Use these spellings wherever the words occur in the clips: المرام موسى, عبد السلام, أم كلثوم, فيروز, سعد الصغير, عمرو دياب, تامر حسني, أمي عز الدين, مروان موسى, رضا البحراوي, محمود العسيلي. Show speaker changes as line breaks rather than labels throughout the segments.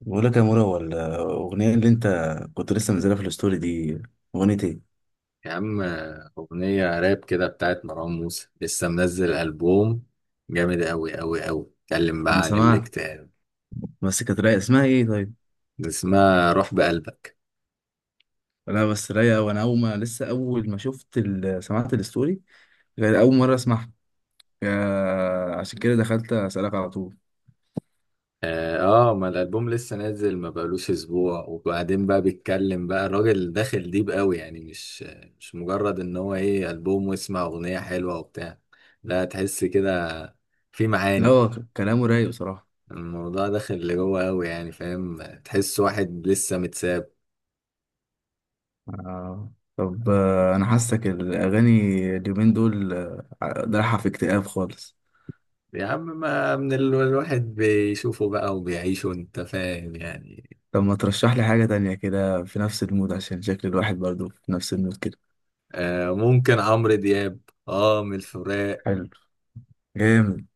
بقول لك يا مورا، هو الأغنية اللي أنت كنت لسه منزلها في الستوري دي أغنية إيه؟
يا عم أغنية راب كده بتاعت مروان موسى لسه منزل ألبوم جامد أوي أوي أوي اتكلم بقى
أنا
عن
سمعت،
الاكتئاب
بس كانت رايقة. اسمها إيه طيب؟
اسمها روح بقلبك.
لا بس رايقة، وأنا أول ما سمعت الستوري كانت أول مرة أسمعها. عشان كده دخلت أسألك على طول.
آه آه، ما الألبوم لسه نازل ما بقالوش أسبوع وبعدين بقى بيتكلم بقى الراجل داخل ديب أوي، يعني مش مجرد إن هو إيه ألبوم واسمع أغنية حلوة وبتاع، لا تحس كده، في
لا
معاني.
هو كلامه رايق بصراحة.
الموضوع داخل لجوه أوي يعني فاهم، تحس واحد لسه متساب.
طب أنا حاسك الأغاني اليومين دول رايحة في اكتئاب خالص.
يا عم ما الواحد بيشوفه بقى وبيعيشه انت فاهم يعني.
طب ما ترشح لي حاجة تانية كده في نفس المود، عشان شكل الواحد برضه في نفس المود كده.
آه ممكن عمرو دياب، اه من الفراق.
حلو. جامد.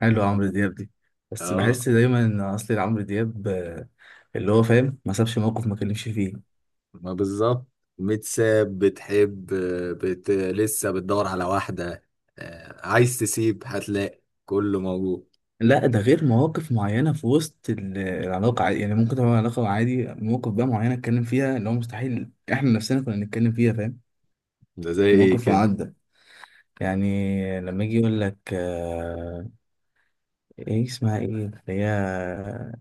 حلو عمرو دياب دي، بس
اه
بحس دايما ان اصلي عمرو دياب اللي هو فاهم، ما سابش موقف ما كلمش فيه.
ما بالظبط، متساب بتحب، لسه بتدور على واحدة، آه عايز تسيب هتلاقي كله موجود.
لا ده غير مواقف معينه في وسط العلاقه عادي. يعني ممكن تبقى علاقه عادي، مواقف بقى معينه اتكلم فيها اللي هو مستحيل احنا نفسنا كنا نتكلم فيها، فاهم؟
ده زي ايه
موقف
كده؟
معدى، يعني لما يجي يقول لك ايه اسمها، ايه اللي هي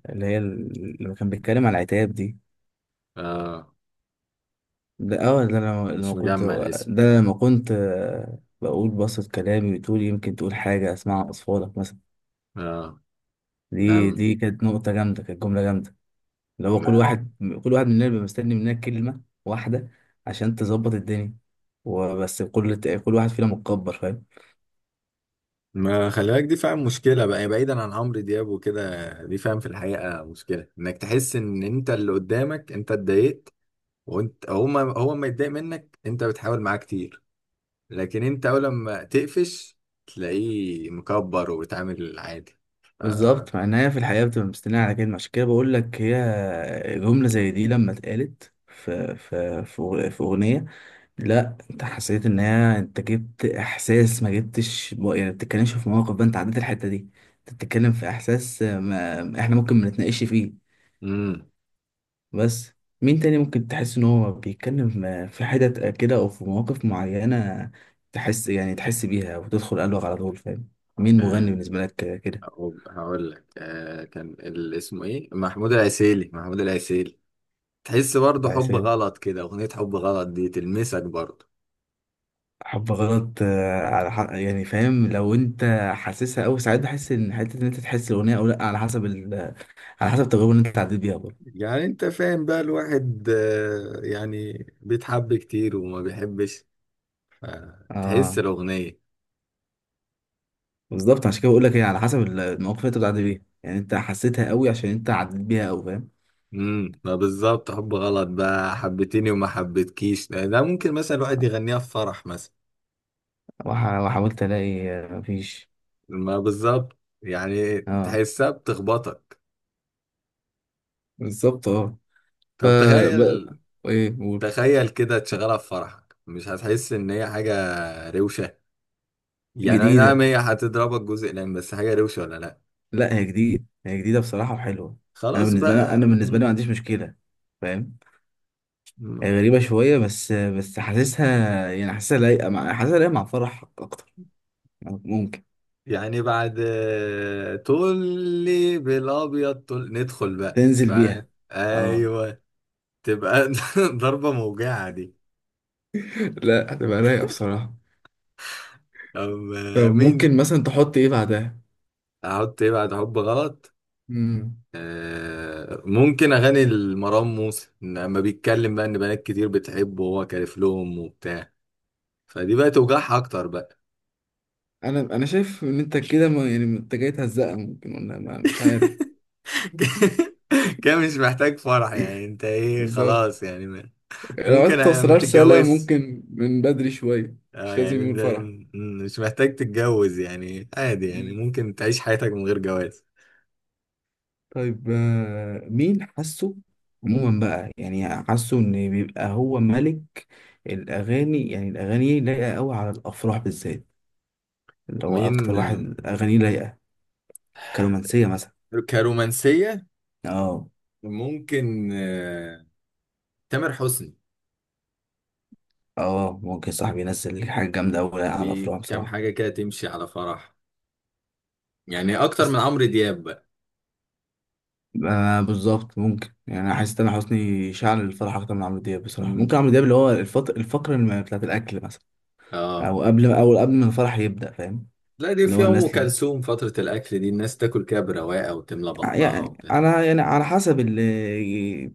اللي هي لما كان بيتكلم على العتاب دي.
اه
ده انا لما
مش
كنت، ده
مجمع الاسم.
أنا لما كنت بقول بسط كلامي وتقول، يمكن تقول حاجة اسمعها اصفادك مثلا.
اه لا،
دي كانت نقطة جامدة، كانت جملة جامدة. اللي هو كل واحد مننا بيبقى مستني مننا كلمة واحدة عشان تظبط الدنيا، وبس كل واحد فينا متكبر، فاهم؟
ما خلي بالك دي فاهم مشكلة بقى، يعني بعيدا عن عمرو دياب وكده، دي فاهم في الحقيقة مشكلة، انك تحس ان انت اللي قدامك انت اتضايقت، وانت هو ما هو ما يتضايق منك، انت بتحاول معاه كتير لكن انت اول لما تقفش تلاقيه مكبر وبيتعامل عادي. ف...
بالظبط، مع ان هي في الحقيقة بتبقى مستنية على كلمة. عشان كده بقول لك، هي جملة زي دي لما اتقالت في في أغنية، لا انت حسيت ان هي انت جبت احساس ما جبتش يعني، ما بتتكلمش في مواقف بقى انت عديت الحته دي، انت بتتكلم في احساس ما احنا ممكن ما نتناقش فيه.
امم
بس مين تاني ممكن تحس ان هو بيتكلم في حتت كده او في مواقف معينه تحس، يعني تحس بيها وتدخل قلبك على طول، فاهم؟ مين مغني
أه...
بالنسبه لك كده؟
هقول لك، كان اسمه ايه، محمود العسيلي، محمود العسيلي. تحس برضه حب
عسل.
غلط كده، اغنية حب غلط دي تلمسك برضه.
حب غلط، على حق، يعني فاهم لو انت حاسسها. او ساعات بحس ان حته ان انت تحس الاغنيه او لا على حسب على حسب التجربه اللي انت عديت بيها برضه.
يعني انت فاهم بقى الواحد، يعني بيتحب كتير وما بيحبش، تحس
اه.
الاغنيه.
بالظبط، عشان كده بقول لك هي على حسب المواقف اللي انت بتعدي بيها، يعني انت حسيتها قوي عشان انت عديت بيها قوي، فاهم؟
ما بالظبط، حب غلط بقى، حبتيني وما حبتكيش، ده ده ممكن مثلا الواحد يغنيها في فرح مثلا.
وحاولت الاقي مفيش.
ما بالظبط، يعني
اه
تحسها بتخبطك.
بالظبط اه. ف
طب
ب-
تخيل،
ايه قول.
تخيل كده تشغلها في فرحك، مش هتحس ان هي حاجه روشه؟ يعني اي نعم
جديده.
هي هتضربك جزء، لان بس حاجه روشه ولا لا.
لا هي جديده، هي جديده بصراحه وحلوه. انا
خلاص
بالنسبه لي انا
بقى.
بالنسبه لي ما عنديش مشكله، فاهم؟
مم.
هي غريبه شويه، بس حاسسها، يعني حاسسها لايقه مع فرح اكتر. ممكن
يعني بعد طلي بالابيض طل، ندخل بقى
تنزل بيها. اه.
ايوه. تبقى ضربه موجعه دي.
لا هتبقى رايقه بصراحه. طب
اما مين،
ممكن مثلا تحط ايه بعدها؟
احط ايه بعد حب غلط؟
مم.
آه ممكن اغاني المرام موسى لما بيتكلم بقى ان بنات كتير بتحبه وهو كارف لهم وبتاع، فدي بقى توجعها اكتر بقى.
انا شايف ان انت كده، ما يعني انت جاي تهزقها ممكن، ولا ما مش عارف.
كده مش محتاج فرح يعني، انت ايه
بالظبط،
خلاص يعني
لو عايز
ممكن ما
توصلها رسالة
تتجوزش.
ممكن من بدري شوية،
اه
مش
يعني
لازم يقول
انت
فرح.
مش محتاج تتجوز يعني، عادي يعني
مم.
ممكن تعيش حياتك من غير جواز.
طيب مين حاسه عموما بقى، يعني حاسه ان بيبقى هو ملك الاغاني؟ يعني الاغاني لايقة قوي على الافراح بالذات، اللي هو
مين
اكتر واحد اغانيه لايقة كرومانسية مثلا.
كرومانسية؟
اه.
ممكن تامر حسني.
اه ممكن صاحبي ينزل حاجة جامدة قوي على الافراح
بكام
بصراحة.
حاجة كده تمشي على فرح، يعني أكتر من عمرو دياب بقى.
آه بالظبط، ممكن، يعني حاسس ان حسني شعل الفرح اكتر من عمرو دياب بصراحه.
مم.
ممكن عمرو دياب اللي هو الفقره بتاعت الاكل مثلا،
اه
او قبل ما الفرح يبدا، فاهم؟
لا، دي
اللي
في
هو
أم
الناس اللي...
كلثوم، فترة الأكل دي الناس تاكل كده برواقة وتملى بطنها
يعني
وبتاع.
انا، يعني على حسب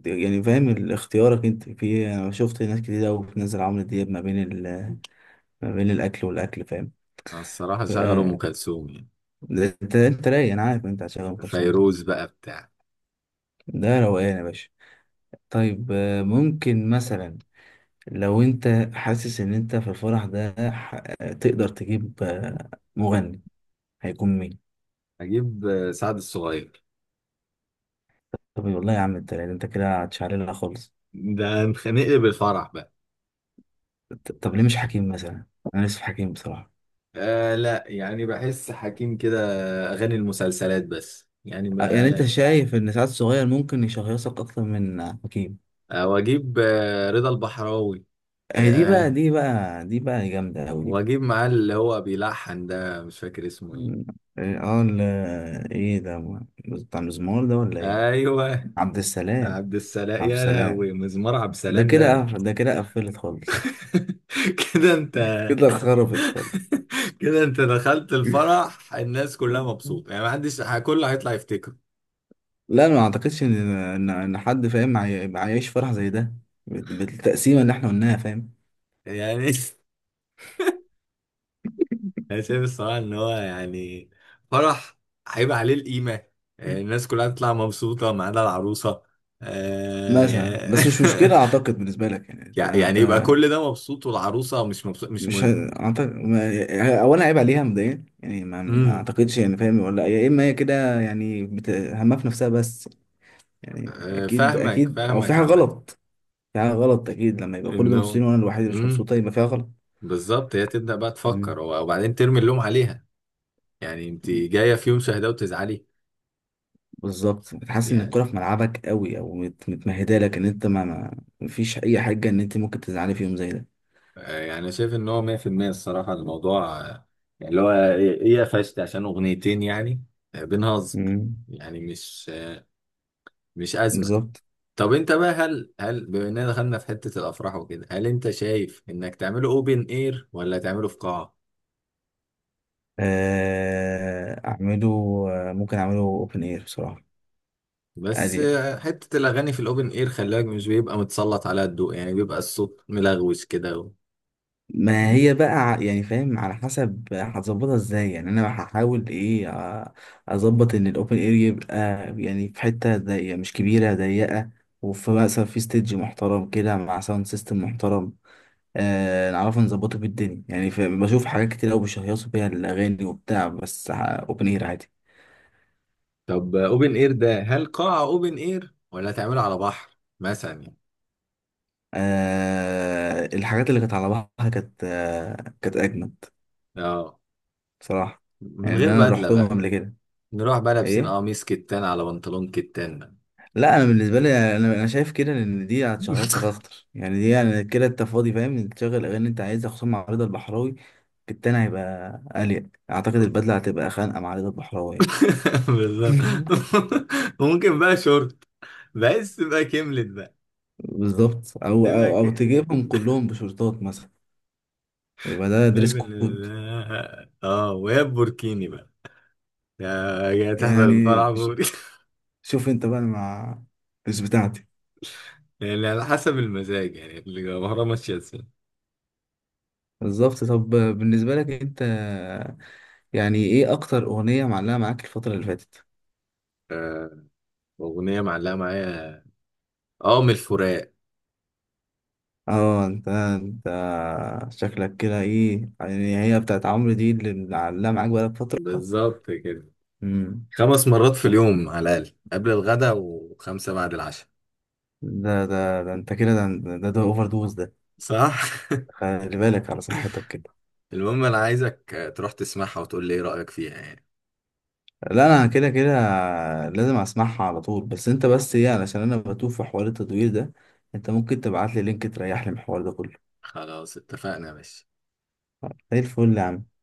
يعني فاهم اختيارك انت في إيه. انا شفت ناس كتير قوي بتنزل عمرو دياب ما بين
مم.
ما بين الاكل والاكل، فاهم؟
الصراحة
ف...
شغل أم
آه،
كلثوم يعني،
انت رايق، انا عارف إن انت هتشغل ام كلثوم، صح؟
فيروز بقى بتاع.
ده روقان يا باشا. طيب ممكن مثلا لو انت حاسس ان انت في الفرح ده تقدر تجيب مغني، هيكون مين؟
أجيب سعد الصغير.
طب والله يا عم انت، يعني انت كده هتشعللها خالص.
ده هنخنق بالفرح بقى.
طب ليه مش حكيم مثلا؟ انا نفسي في حكيم بصراحه.
آه لا، يعني بحس حكيم كده اغاني المسلسلات بس يعني ما
يعني انت
أغاني.
شايف ان سعد الصغير ممكن يشهيصك اكتر من حكيم؟
آه واجيب آه رضا البحراوي. آه,
دي بقى
آه
دي بقى جامده قوي دي.
واجيب معاه اللي هو بيلحن ده، مش فاكر اسمه ايه.
مم. ايه اه ايه ده، بتاع المزمار ده ولا ايه؟
ايوه،
عبد السلام.
عبد السلام،
عبد
يا
السلام،
لهوي مزمار عبد
ده
السلام
كده
ده.
ده كده قفلت خالص.
كده انت،
كده خربت خالص.
كده انت دخلت الفرح الناس كلها مبسوطه يعني، ما حدش كله هيطلع يفتكره.
لا انا ما اعتقدش ان ان إن حد فاهم عايش فرح زي ده بالتقسيمه اللي احنا قلناها، فاهم؟
يعني انا شايف الصراحه ان هو يعني، فرح هيبقى عليه القيمه،
مم.
الناس كلها تطلع مبسوطه ما عدا العروسه، يعني
مثلا بس مش مشكله اعتقد بالنسبه لك، يعني انت
يعني يبقى كل ده مبسوط والعروسه مش مبسوط مش
مش ه-
مهم.
اعتقد، اولا عيب عليها مبدئيا، يعني ما
امم
اعتقدش يعني، فاهم؟ ولا يا اما هي كده يعني همها في نفسها بس، يعني اكيد
فاهمك
اكيد او في
فاهمك
حاجه
عامه.
غلط. في حاجه غلط اكيد، لما يبقى كل دول
انه،
مبسوطين وانا الوحيد اللي مش
امم،
مبسوطه، يبقى فيها غلط.
بالظبط هي تبدا بقى
مم.
تفكر وبعدين ترمي اللوم عليها، يعني انت جايه في يوم شهداء وتزعلي؟
بالظبط، بتحس ان الكرة
يعني
في ملعبك قوي او متمهده لك ان انت مفيش اي حاجه ان انت ممكن تزعلي في يوم زي ده.
يعني أنا شايف ان هو 100% الصراحه الموضوع، يعني اللي هو ايه إيه قفشت عشان اغنيتين يعني، بنهزر
مم.
يعني، مش مش ازمه.
بالظبط.
طب انت بقى هل بما اننا دخلنا في حته الافراح وكده، هل انت شايف انك تعمله اوبن اير ولا تعمله في قاعه؟
اعمله، ممكن اعمله اوبن اير بصراحه.
بس
اريا،
حته الاغاني في الاوبن اير خلاك مش بيبقى متسلط على الضوء، يعني بيبقى الصوت ملغوش كده
ما هي بقى يعني فاهم على حسب هتظبطها ازاي، يعني انا هحاول ايه، اظبط ان الاوبن اير يبقى يعني في حته ضيقه، مش كبيره ضيقه، وفي مثلا في ستيدج محترم كده مع ساوند سيستم محترم، آه نعرف نظبطه بالدنيا، يعني بشوف حاجات كتير قوي بيشهيصوا بيها الأغاني وبتاع، بس أوبن إير عادي.
طب اوبن اير ده هل قاعه اوبن اير ولا تعمله على بحر مثلا يعني؟
آه، الحاجات اللي كانت على بعضها كانت كانت أجمد
اه
بصراحة.
من
يعني
غير
اللي أنا روحتهم
بدله،
قبل كده.
نروح بقى لابسين
إيه؟
قميص كتان على بنطلون كتان بقى.
لا أنا بالنسبة لي، أنا شايف كده إن دي هتشهيصك أكتر، يعني دي يعني كده أنت فاضي، فاهم؟ إنت تشغل الأغاني اللي أنت عايزها، خصوصا مع رضا البحراوي. التاني هيبقى أليق أعتقد، البدلة هتبقى خانقة مع رضا البحراوي يعني.
بالظبط. ممكن بقى شورت، بس تبقى كملت بقى،
بالظبط، أو
تبقى
أو أو
كده.
تجيبهم كلهم بشورتات مثلا، يبقى ده دريس كود.
اه ويا بوركيني بقى، يا، يا تحضر
يعني
الفرح بوري.
شوف انت بقى، مع مش بتاعتي.
يعني على حسب المزاج، يعني المهرة ماشية ازاي.
بالظبط. طب بالنسبة لك انت، يعني ايه اكتر اغنية معلقة معاك الفترة اللي فاتت؟
آه، أغنية معلقة معايا، اه من الفراق.
اه انت شكلك كده ايه، يعني هي بتاعت عمرو دي اللي معلقة معاك بقالك فترة؟
بالظبط كده،
امم.
5 مرات في اليوم على الأقل قبل الغداء و5 بعد العشاء.
ده ده ده انت كده ده ده, ده اوفر دوز ده،
صح؟
خلي بالك على صحتك كده.
المهم انا عايزك تروح تسمعها وتقول لي ايه رأيك فيها يعني.
لا انا كده كده لازم اسمعها على طول. بس انت بس ايه، علشان انا بتوه في حوار التدوير ده، انت ممكن تبعت لي لينك تريح لي من الحوار ده كله؟
خلاص اتفقنا يا باشا.
زي الفل يا عم.